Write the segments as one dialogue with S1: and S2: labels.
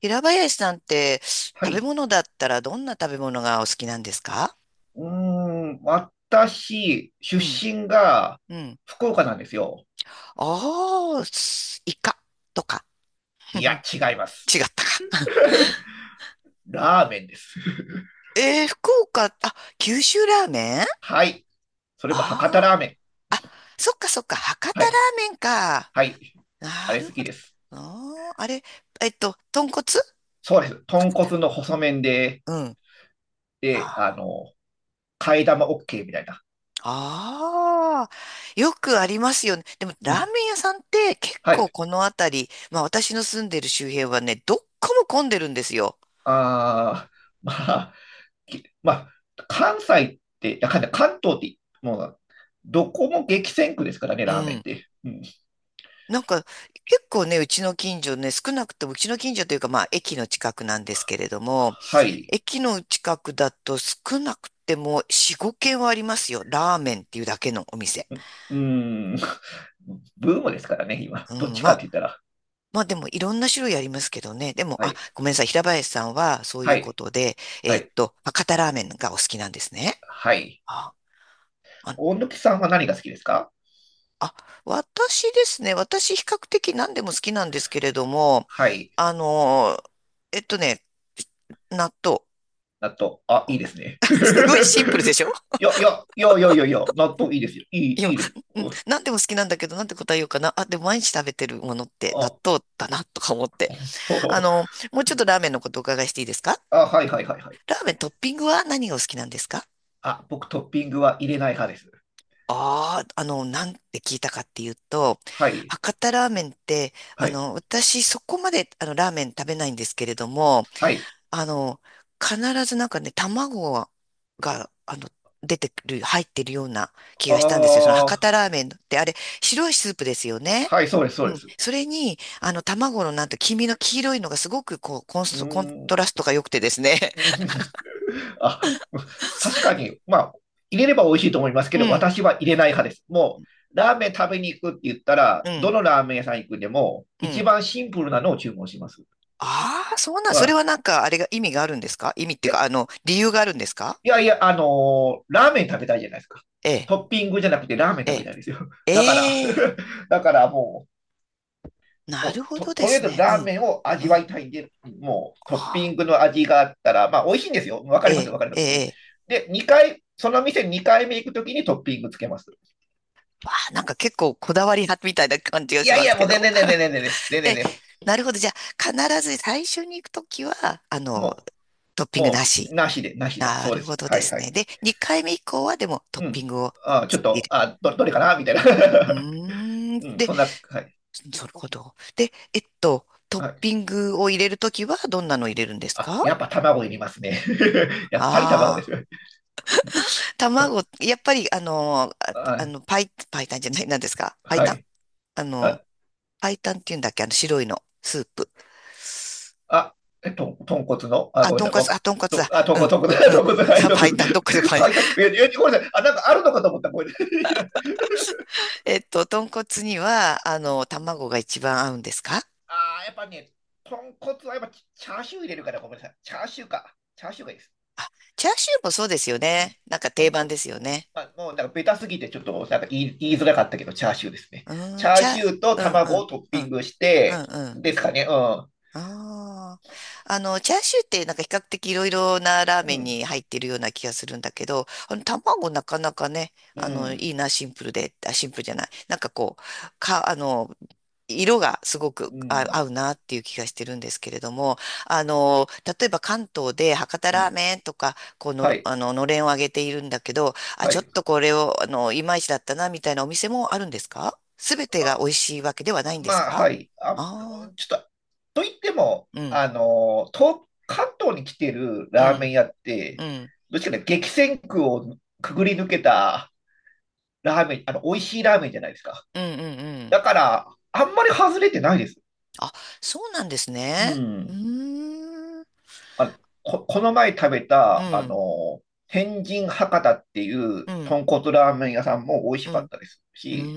S1: 平林さんって
S2: は
S1: 食べ
S2: い。
S1: 物だったらどんな食べ物がお好きなんですか？
S2: うー私、出
S1: うん、
S2: 身が
S1: うん。
S2: 福岡なんですよ。
S1: ああ、すイカとか。
S2: いや、違います。
S1: 違ったか。
S2: ラーメンです。
S1: 福岡、九州ラーメン。
S2: はい。それも博多ラーメン。
S1: あー、あ、そっかそっか、博多
S2: は
S1: ラ
S2: い。
S1: ーメンか。
S2: はい。あ
S1: な
S2: れ
S1: る
S2: 好き
S1: ほど。
S2: です。
S1: あーあれ、豚骨、
S2: そうです。豚
S1: 博多。
S2: 骨の細麺で、
S1: うん。
S2: で、
S1: あ
S2: あの、替え玉 OK みたいな。
S1: ああ、よくありますよね。でも、
S2: う
S1: ラー
S2: ん。
S1: メン屋さんって結
S2: は
S1: 構
S2: い。
S1: この辺り、まあ私の住んでる周辺はね、どっこも混んでるんですよ。
S2: あー、まあ、きまあ、関西って、いや関関東って、もう、どこも激戦区ですからね、
S1: う
S2: ラーメンっ
S1: ん。
S2: て。うん。
S1: なんか、結構ね、うちの近所ね、少なくともうちの近所というか、まあ駅の近くなんですけれども、
S2: はい。
S1: 駅の近くだと少なくても4、5軒はありますよ。ラーメンっていうだけのお店。
S2: うーん。ブームですからね、今。
S1: う
S2: どっ
S1: ん、
S2: ち
S1: ま
S2: かっ
S1: あ、
S2: て言ったら。
S1: まあでもいろんな種類ありますけどね。でも、
S2: はい。
S1: ごめんなさい。平林さんはそうい
S2: は
S1: うこ
S2: い。
S1: とで、
S2: はい。
S1: 博多ラーメンがお好きなんですね。
S2: はい。
S1: あ、あの、
S2: 大貫さんは何が好きですか？
S1: あ、私ですね。私比較的何でも好きなんですけれども、
S2: はい。
S1: あのー、えっとね、納豆。
S2: 納豆。あ、
S1: う
S2: いい
S1: ん。
S2: ですね。
S1: すごいシンプルでしょ？
S2: いや、いや、いや、いや、いや、いや、納豆いいですよ。い
S1: 今、
S2: いです。
S1: うん、
S2: うん。
S1: 何でも好きなんだけど、なんて答えようかな。あ、でも毎日食べてるものって納
S2: あ、
S1: 豆だな、とか思って。
S2: ほう。
S1: もうちょっとラーメンのことお伺いしていいですか？
S2: あ、はい、はい、はい、はい。
S1: ラーメントッピングは何がお好きなんですか？
S2: あ、僕トッピングは入れない派です。
S1: ああ、なんて聞いたかっていうと、
S2: はい。
S1: 博多ラーメンって、
S2: はい。
S1: 私そこまであのラーメン食べないんですけれども、
S2: はい。
S1: あの、必ずなんかね、卵が、出てくる、入ってるような気
S2: あ
S1: がしたんですよ。その博
S2: あ、
S1: 多ラーメンって、あれ、白いスープですよね。
S2: はい、そうです、そ
S1: う
S2: うで
S1: ん。
S2: す。
S1: それに、卵のなんて、黄身の黄色いのがすごくこう、
S2: うー
S1: コント
S2: ん。
S1: ラストが良くてですね。
S2: うん あ、確かに、まあ、入れれば美味しいと思います け
S1: う
S2: ど、
S1: ん、
S2: 私は入れない派です。ラーメン食べに行くって言ったら、
S1: う
S2: ど
S1: ん、
S2: のラーメン屋さん行くでも、
S1: う
S2: 一
S1: ん。
S2: 番シンプルなのを注文します。
S1: ああ、そうなん、
S2: う
S1: それ
S2: ん。
S1: はなんか、あれが意味があるんですか？意味って
S2: い
S1: いう
S2: や、
S1: か、
S2: い
S1: 理由があるんですか？
S2: ラーメン食べたいじゃないですか。
S1: ええ、
S2: トッピングじゃなくてラーメン
S1: え
S2: 食べたいんですよ。
S1: え、
S2: だから、
S1: ええ、
S2: だからもう、
S1: なるほどで
S2: とりあえ
S1: す
S2: ず
S1: ね。う
S2: ラー
S1: ん、
S2: メンを
S1: う
S2: 味わ
S1: ん。
S2: いたいんで、もうトッピ
S1: ああ、
S2: ングの味があったら、まあ美味しいんですよ。わか
S1: え
S2: りますよ、
S1: え、
S2: わかりま
S1: え
S2: す。
S1: え、ええ。
S2: で、2回、その店2回目行くときにトッピングつけます。
S1: わあ、なんか結構こだわり派みたいな感じが
S2: い
S1: し
S2: や
S1: ま
S2: い
S1: す
S2: や、も
S1: け
S2: う全
S1: ど。
S2: 然全然 全然全然全然
S1: え、
S2: 全然。
S1: なるほど。じゃあ、必ず最初に行くときは、
S2: も
S1: トッ
S2: う、
S1: ピングな
S2: もう、
S1: し。
S2: なしで、なしで、
S1: な
S2: そうで
S1: るほ
S2: す。
S1: ど
S2: は
S1: で
S2: い
S1: す
S2: は
S1: ね。
S2: い。
S1: で、2回目以降はでもトッ
S2: う
S1: ピン
S2: ん。
S1: グを
S2: あ、ちょっ
S1: 入れ
S2: と、
S1: る。
S2: あ、ど、どれかなみたいな。
S1: うー ん。
S2: うん、
S1: で、
S2: そんな、はい。
S1: なるほど。で、トッ
S2: はい。
S1: ピングを入れるときはどんなの入れるんです
S2: あ、
S1: か？
S2: やっぱ卵いりますね。やっぱり卵で
S1: あ
S2: す
S1: あー。
S2: よ。
S1: 卵、やっぱり、あの、あパあ
S2: あ、
S1: の、パイ、パイタンじゃない、なんですか、パイ
S2: は
S1: タン？
S2: い。
S1: あの、
S2: あ、
S1: パイタンって言うんだっけ？あの、白いの、スープ。
S2: あ、豚骨の、あ、ごめんなさい。わ
S1: あ、豚骨
S2: と、
S1: だ。
S2: あ、豚
S1: う
S2: 骨、
S1: ん、
S2: 豚骨、
S1: うん。
S2: 豚骨、はい、豚
S1: パイ
S2: 骨。
S1: タン、どっかでパイ。
S2: はい、いや、いやごめんなさい。あ、なんかあるのかと思った。ごめんなさい。
S1: 豚骨には、卵が一番合うんですか？
S2: あー、やっぱね、豚骨はやっぱチャーシュー入れるから、ごめんなさい。チャーシューか。チャーシューがいいです。
S1: チャーシューもそうですよ
S2: うん。
S1: ね。なんか定
S2: 豚
S1: 番
S2: 骨。
S1: ですよ
S2: うん。
S1: ね。
S2: まあ、もうなんかベタすぎてちょっとなんか言いづらかったけど、チャーシューですね。
S1: う
S2: チ
S1: ーん、
S2: ャ
S1: チ
S2: ー
S1: ャー、
S2: シューと
S1: うん、
S2: 卵
S1: うん、
S2: をトッ
S1: う
S2: ピン
S1: ん、
S2: グし
S1: う
S2: て、
S1: ん、うん。
S2: ですかね。うん。
S1: ああ。チャーシューってなんか比較的いろいろなラー
S2: う
S1: メン
S2: ん。
S1: に入ってるような気がするんだけど、卵なかなかね、
S2: う
S1: いい
S2: ん。
S1: な、シンプルで、シンプルじゃない。なんかこう、か、あの、色がすごく
S2: うん。
S1: 合うなっていう気がしてるんですけれども、あの、例えば関東で博多
S2: う
S1: ラー
S2: ん。
S1: メンとか、
S2: はい。
S1: のれんをあげているんだけど、
S2: は
S1: ちょっ
S2: い。
S1: とこれを、いまいちだったな、みたいなお店もあるんですか？すべてが
S2: あ、
S1: 美味しいわけではないんです
S2: まあ、
S1: か？
S2: はい。あ、
S1: あ
S2: ち
S1: あ
S2: ょっとと言っても、
S1: ー、うん、
S2: あの、関東に来てる
S1: う
S2: ラーメ
S1: ん。
S2: ン屋っ
S1: う
S2: て、
S1: ん。
S2: どっちかね、激戦区をくぐり抜けたラーメン、あの、美味しいラーメンじゃないですか。
S1: うん、うん、うん。
S2: だから、あんまり外れてないです。
S1: あ、そうなんです
S2: う
S1: ね。う
S2: ん。
S1: ーん。
S2: あ、この前食べ
S1: う
S2: た、あ
S1: ん。
S2: の、天神博多ってい
S1: う
S2: う
S1: ん。
S2: 豚骨ラーメン屋さんも美味し
S1: う
S2: かっ
S1: ん。
S2: たです
S1: う
S2: し、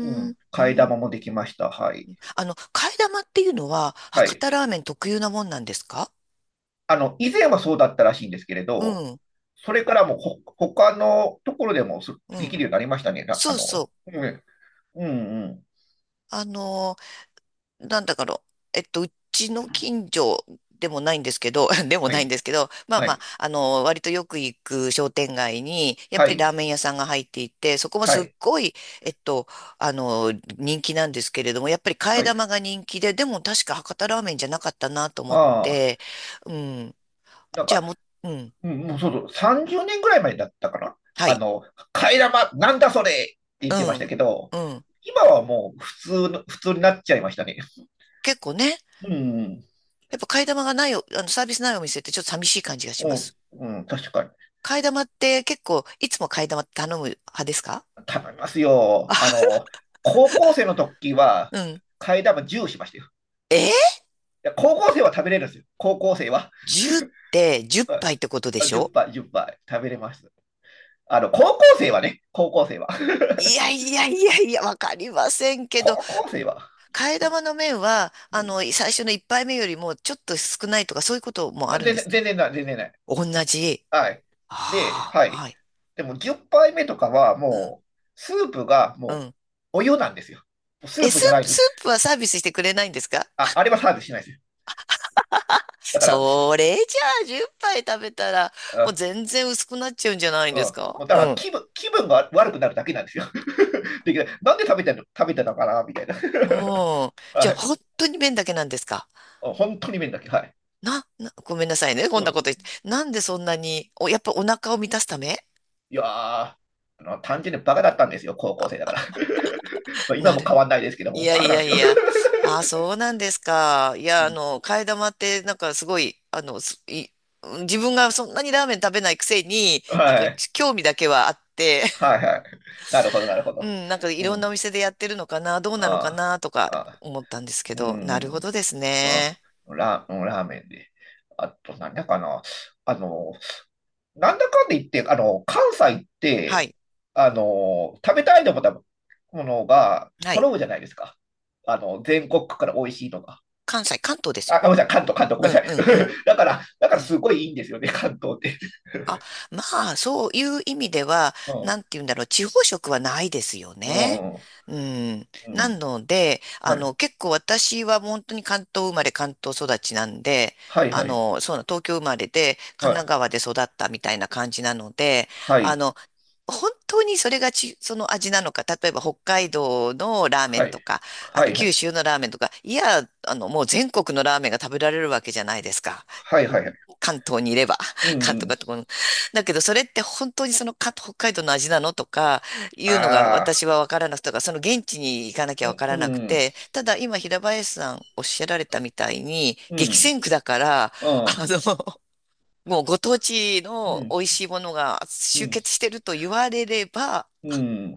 S2: う
S1: ん。
S2: ん、
S1: う
S2: 替え
S1: ん。
S2: 玉もできました。はい。
S1: 替え玉っていうのは、
S2: は
S1: 博
S2: い。
S1: 多ラーメン特有なもんなんですか？
S2: あの、以前はそうだったらしいんですけれ
S1: う
S2: ど、
S1: ん。
S2: それからもうほ、他のところでも
S1: う
S2: で
S1: ん。
S2: きるようになりましたね。なあ
S1: そうそ
S2: の、
S1: う。
S2: うん、うん、うん。
S1: あのーなんだかろう、えっと、うちの近所でもないんですけど、でも
S2: は
S1: ないん
S2: い、
S1: ですけど、まあ
S2: は
S1: まあ、
S2: い、
S1: 割とよく行く商店街に、やっ
S2: は
S1: ぱりラー
S2: い、
S1: メン屋さんが入っていて、そこも
S2: は
S1: すっ
S2: い、
S1: ごい、えっと、あの、人気なんですけれども、やっぱり替え
S2: は
S1: 玉
S2: い。
S1: が人気で、でも確か博多ラーメンじゃなかったなと思っ
S2: ああ、
S1: て、うん、
S2: なん
S1: じゃあ
S2: か、
S1: もう、うん、
S2: うん、もうそうそう、30年ぐらい前だったかな。
S1: は
S2: あ
S1: い、
S2: の、替え玉、なんだそれって言
S1: う
S2: ってました
S1: ん、
S2: けど、
S1: うん、
S2: 今はもう普通になっちゃいましたね。
S1: 結構ね、
S2: うん、
S1: やっぱ替え玉がないお、あの、サービスないお店ってちょっと寂しい感じがし
S2: う
S1: ま
S2: ん、
S1: す。
S2: うん、確かに。
S1: 替え玉って結構、いつも替え玉頼む派ですか？
S2: 頼みますよ。あ
S1: あ、
S2: の、高校生の時は、
S1: うん。
S2: 替え玉10しましたよ。
S1: え
S2: いや高校生は食べれるんですよ。高校生は。
S1: ?10 って10杯っぱいってことで
S2: あ
S1: し
S2: 10
S1: ょ？
S2: 杯、10杯食べれます。あの、高校生はね、高校生は。
S1: いやいやいやいや、わかりませんけど、
S2: 高校生は。
S1: 替え玉の麺は、
S2: うん。
S1: 最初の1杯目よりもちょっと少ないとか、そういうこともあ
S2: あ
S1: るん
S2: 全
S1: で
S2: 然、
S1: す。
S2: 全然ない。
S1: 同じ。
S2: はい。で、
S1: あ
S2: は
S1: あ、は
S2: い。
S1: い。
S2: でも10杯目とかは
S1: うん、
S2: もう、スープが
S1: う
S2: もう、
S1: ん。
S2: お湯なんですよ。もうスー
S1: え、
S2: プ
S1: ス
S2: じゃな
S1: ー
S2: い
S1: プ、
S2: です。
S1: スープはサービスしてくれないんですか？
S2: あ、あれはサービスしないですよ。だから、す
S1: それじゃあ、10杯食べたら、もう
S2: あ、
S1: 全然薄くなっちゃうんじゃないん
S2: う
S1: で
S2: ん。
S1: すか？
S2: もうだか
S1: う
S2: ら
S1: ん。
S2: 気分が悪くなるだけなんですよ。で、なんで食べてる、食べてたのかなみたいな。
S1: おー。じゃ
S2: は
S1: あ、
S2: い。
S1: 本当に麺だけなんですか？
S2: 本当に麺だけ。はい。
S1: ごめんなさいね。こん
S2: う
S1: なこと
S2: ん。
S1: 言って。なんでそんなに、やっぱお腹を満たすため？
S2: いやー、あの、単純にバカだったんですよ、高校生だから。まあ今
S1: な
S2: も
S1: る。
S2: 変わんないですけど
S1: い
S2: も、
S1: や
S2: バカ
S1: い
S2: なん
S1: や
S2: です
S1: い
S2: よ。
S1: や。ああ、そうなんですか。い
S2: う
S1: や、
S2: ん。
S1: 替え玉って、なんかすごい、自分がそんなにラーメン食べないくせに、なんか
S2: はい。
S1: 興味だけはあって、
S2: はいはい。なるほど、なるほ
S1: う
S2: ど。
S1: ん、なんかい
S2: う
S1: ろん
S2: ん。
S1: なお店でやってるのかな、どうなのか
S2: あ
S1: な、とか
S2: あ、ああ、
S1: 思ったんですけ
S2: う
S1: ど、なるほ
S2: ん、
S1: どです
S2: あ
S1: ね。
S2: ラーメンで。あと、なんだかな。あの、なんだかんで言って、あの、関西っ
S1: は
S2: て、
S1: い、
S2: あの、食べたいと思ったものが
S1: はい。
S2: 揃うじゃないですか。あの、全国区から美味しいとか。
S1: 関西、関東ですよ
S2: あ、ごめんなさい、関東、関東、ごめんなさ
S1: ね。うん、うん、うん。
S2: い。だから、だか
S1: う
S2: ら
S1: ん。
S2: すごいいいんですよね、関東って。
S1: あ、まあ、そういう意味では、
S2: う
S1: な
S2: ん、
S1: んて言うんだろう、地方食はないですよ
S2: う
S1: ね。
S2: ん、
S1: うん。
S2: う
S1: な
S2: ん。
S1: ので、
S2: はい。
S1: 結構私は本当に関東生まれ、関東育ちなんで、
S2: はい、
S1: あ
S2: はい、
S1: の、そうな、東京生まれで、
S2: は
S1: 神奈
S2: い。
S1: 川で育ったみたいな感じなので、
S2: は
S1: あ
S2: い、
S1: の、本当にそれがち、その味なのか、例えば北海道のラーメ
S2: は
S1: ンと
S2: い。
S1: か、
S2: はい、は
S1: 九
S2: い。
S1: 州のラーメンとか、いや、もう全国のラーメンが食べられるわけじゃないですか。
S2: はい、はい、はい。
S1: 関東にいれば、
S2: うん、う
S1: 関東
S2: ん。
S1: かとこの。だけど、それって本当にその北海道の味なのとか、いうのが
S2: ああ、
S1: 私はわからなくて、とかその現地に行かなき
S2: う
S1: ゃわから
S2: ん、
S1: なく
S2: うん、
S1: て、ただ今平林さんおっしゃられたみたいに、
S2: う
S1: 激
S2: ん、
S1: 戦区だから、
S2: う
S1: あ
S2: ん、
S1: の、もうご当地
S2: うん、
S1: の
S2: うん、
S1: 美味しいものが集結してると言われれば、
S2: うん。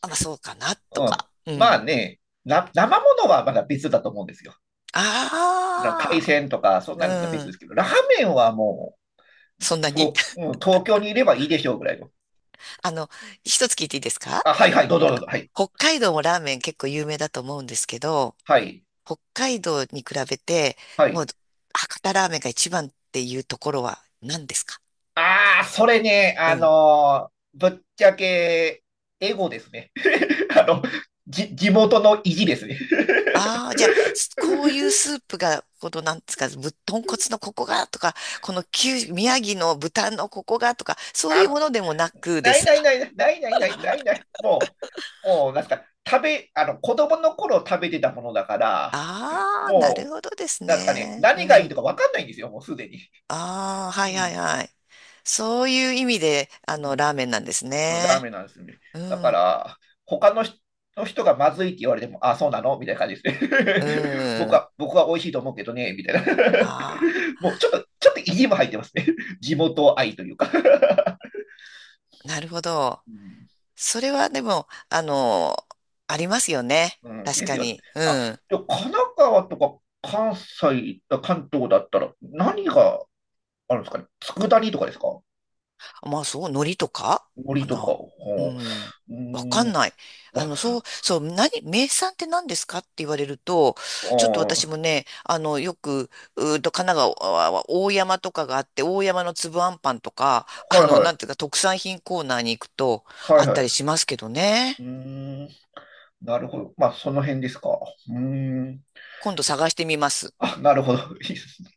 S1: あ、まあそうかな、と
S2: うん。
S1: か。う
S2: ま
S1: ん。
S2: あね、生ものはまだ別だと思うんですよ。あの海
S1: あ
S2: 鮮とか、そん
S1: あ、
S2: なのは
S1: う
S2: 別で
S1: ん。
S2: すけど、ラーメンはも
S1: そんな
S2: う、
S1: に。
S2: と、うん、東京にいればいいでしょうぐらいの。
S1: あの、一つ聞いていいですか？
S2: あ、はい、はい、どうぞ
S1: あ
S2: どう
S1: の、
S2: ぞ。はい、
S1: 北海道もラーメン結構有名だと思うんですけど、
S2: はい、
S1: 北海道に比べて、
S2: は
S1: もう、
S2: い。
S1: 博多ラーメンが一番っていうところは何ですか？
S2: ああ、それね、
S1: う
S2: あ
S1: ん。
S2: のーぶっちゃけ、エゴですね。あの、地元の意地ですね。
S1: ああ、じゃあ、こういうスープが、この、なんですか、豚骨のここがとか、この九、宮城の豚のここがとか、そういう
S2: あ、
S1: ものでもなくで
S2: ない
S1: す
S2: ない
S1: か。
S2: ないないないないないない。もう、もう、なんすか、あの、子供の頃食べてたものだから、
S1: ああ、なる
S2: も
S1: ほどです
S2: う、なんすかね、
S1: ね。
S2: 何が
S1: う
S2: いいと
S1: ん。
S2: かわかんないんですよ、もうすでに。
S1: ああ、は
S2: う
S1: いは
S2: ん。
S1: いはい。そういう意味で、
S2: うん
S1: ラーメンなんです
S2: のラーメ
S1: ね。
S2: ンなんですね。
S1: う
S2: だか
S1: ん、
S2: ら、他の人がまずいって言われても、あ、そうなのみたいな感じです
S1: う
S2: ね。僕
S1: ん。
S2: は、僕は美味しいと思うけどね、みたいな。
S1: ああ、
S2: もうちょっと、ちょっと意地も入ってますね。地元愛というか。
S1: なるほど。
S2: うん。
S1: それはでも、ありますよね。
S2: うん
S1: 確
S2: で
S1: か
S2: すよ。
S1: に。う
S2: あ、
S1: ん。
S2: でも神奈川とか関西、あ関東だったら何があるんですかね？佃煮とかですか？
S1: まあそう、海苔とかか
S2: 森とか。
S1: な。う
S2: ほ
S1: ん。
S2: う。う
S1: わか
S2: ー
S1: ん
S2: ん。
S1: ない。そ
S2: あ、
S1: う、そう、名産って何ですかって言われると、
S2: あ
S1: ちょっと私
S2: ー
S1: もね、うーと、神奈川は大山とかがあって、大山の粒あんパンとか、
S2: はいはい。
S1: なんていうか、特産品コーナーに行くと、あ
S2: はい
S1: っ
S2: は
S1: たりし
S2: い。
S1: ますけどね。
S2: うーん。なるほど。まあ、その辺ですか。うーん。
S1: 今度探してみます。
S2: あ、なるほど。いいですね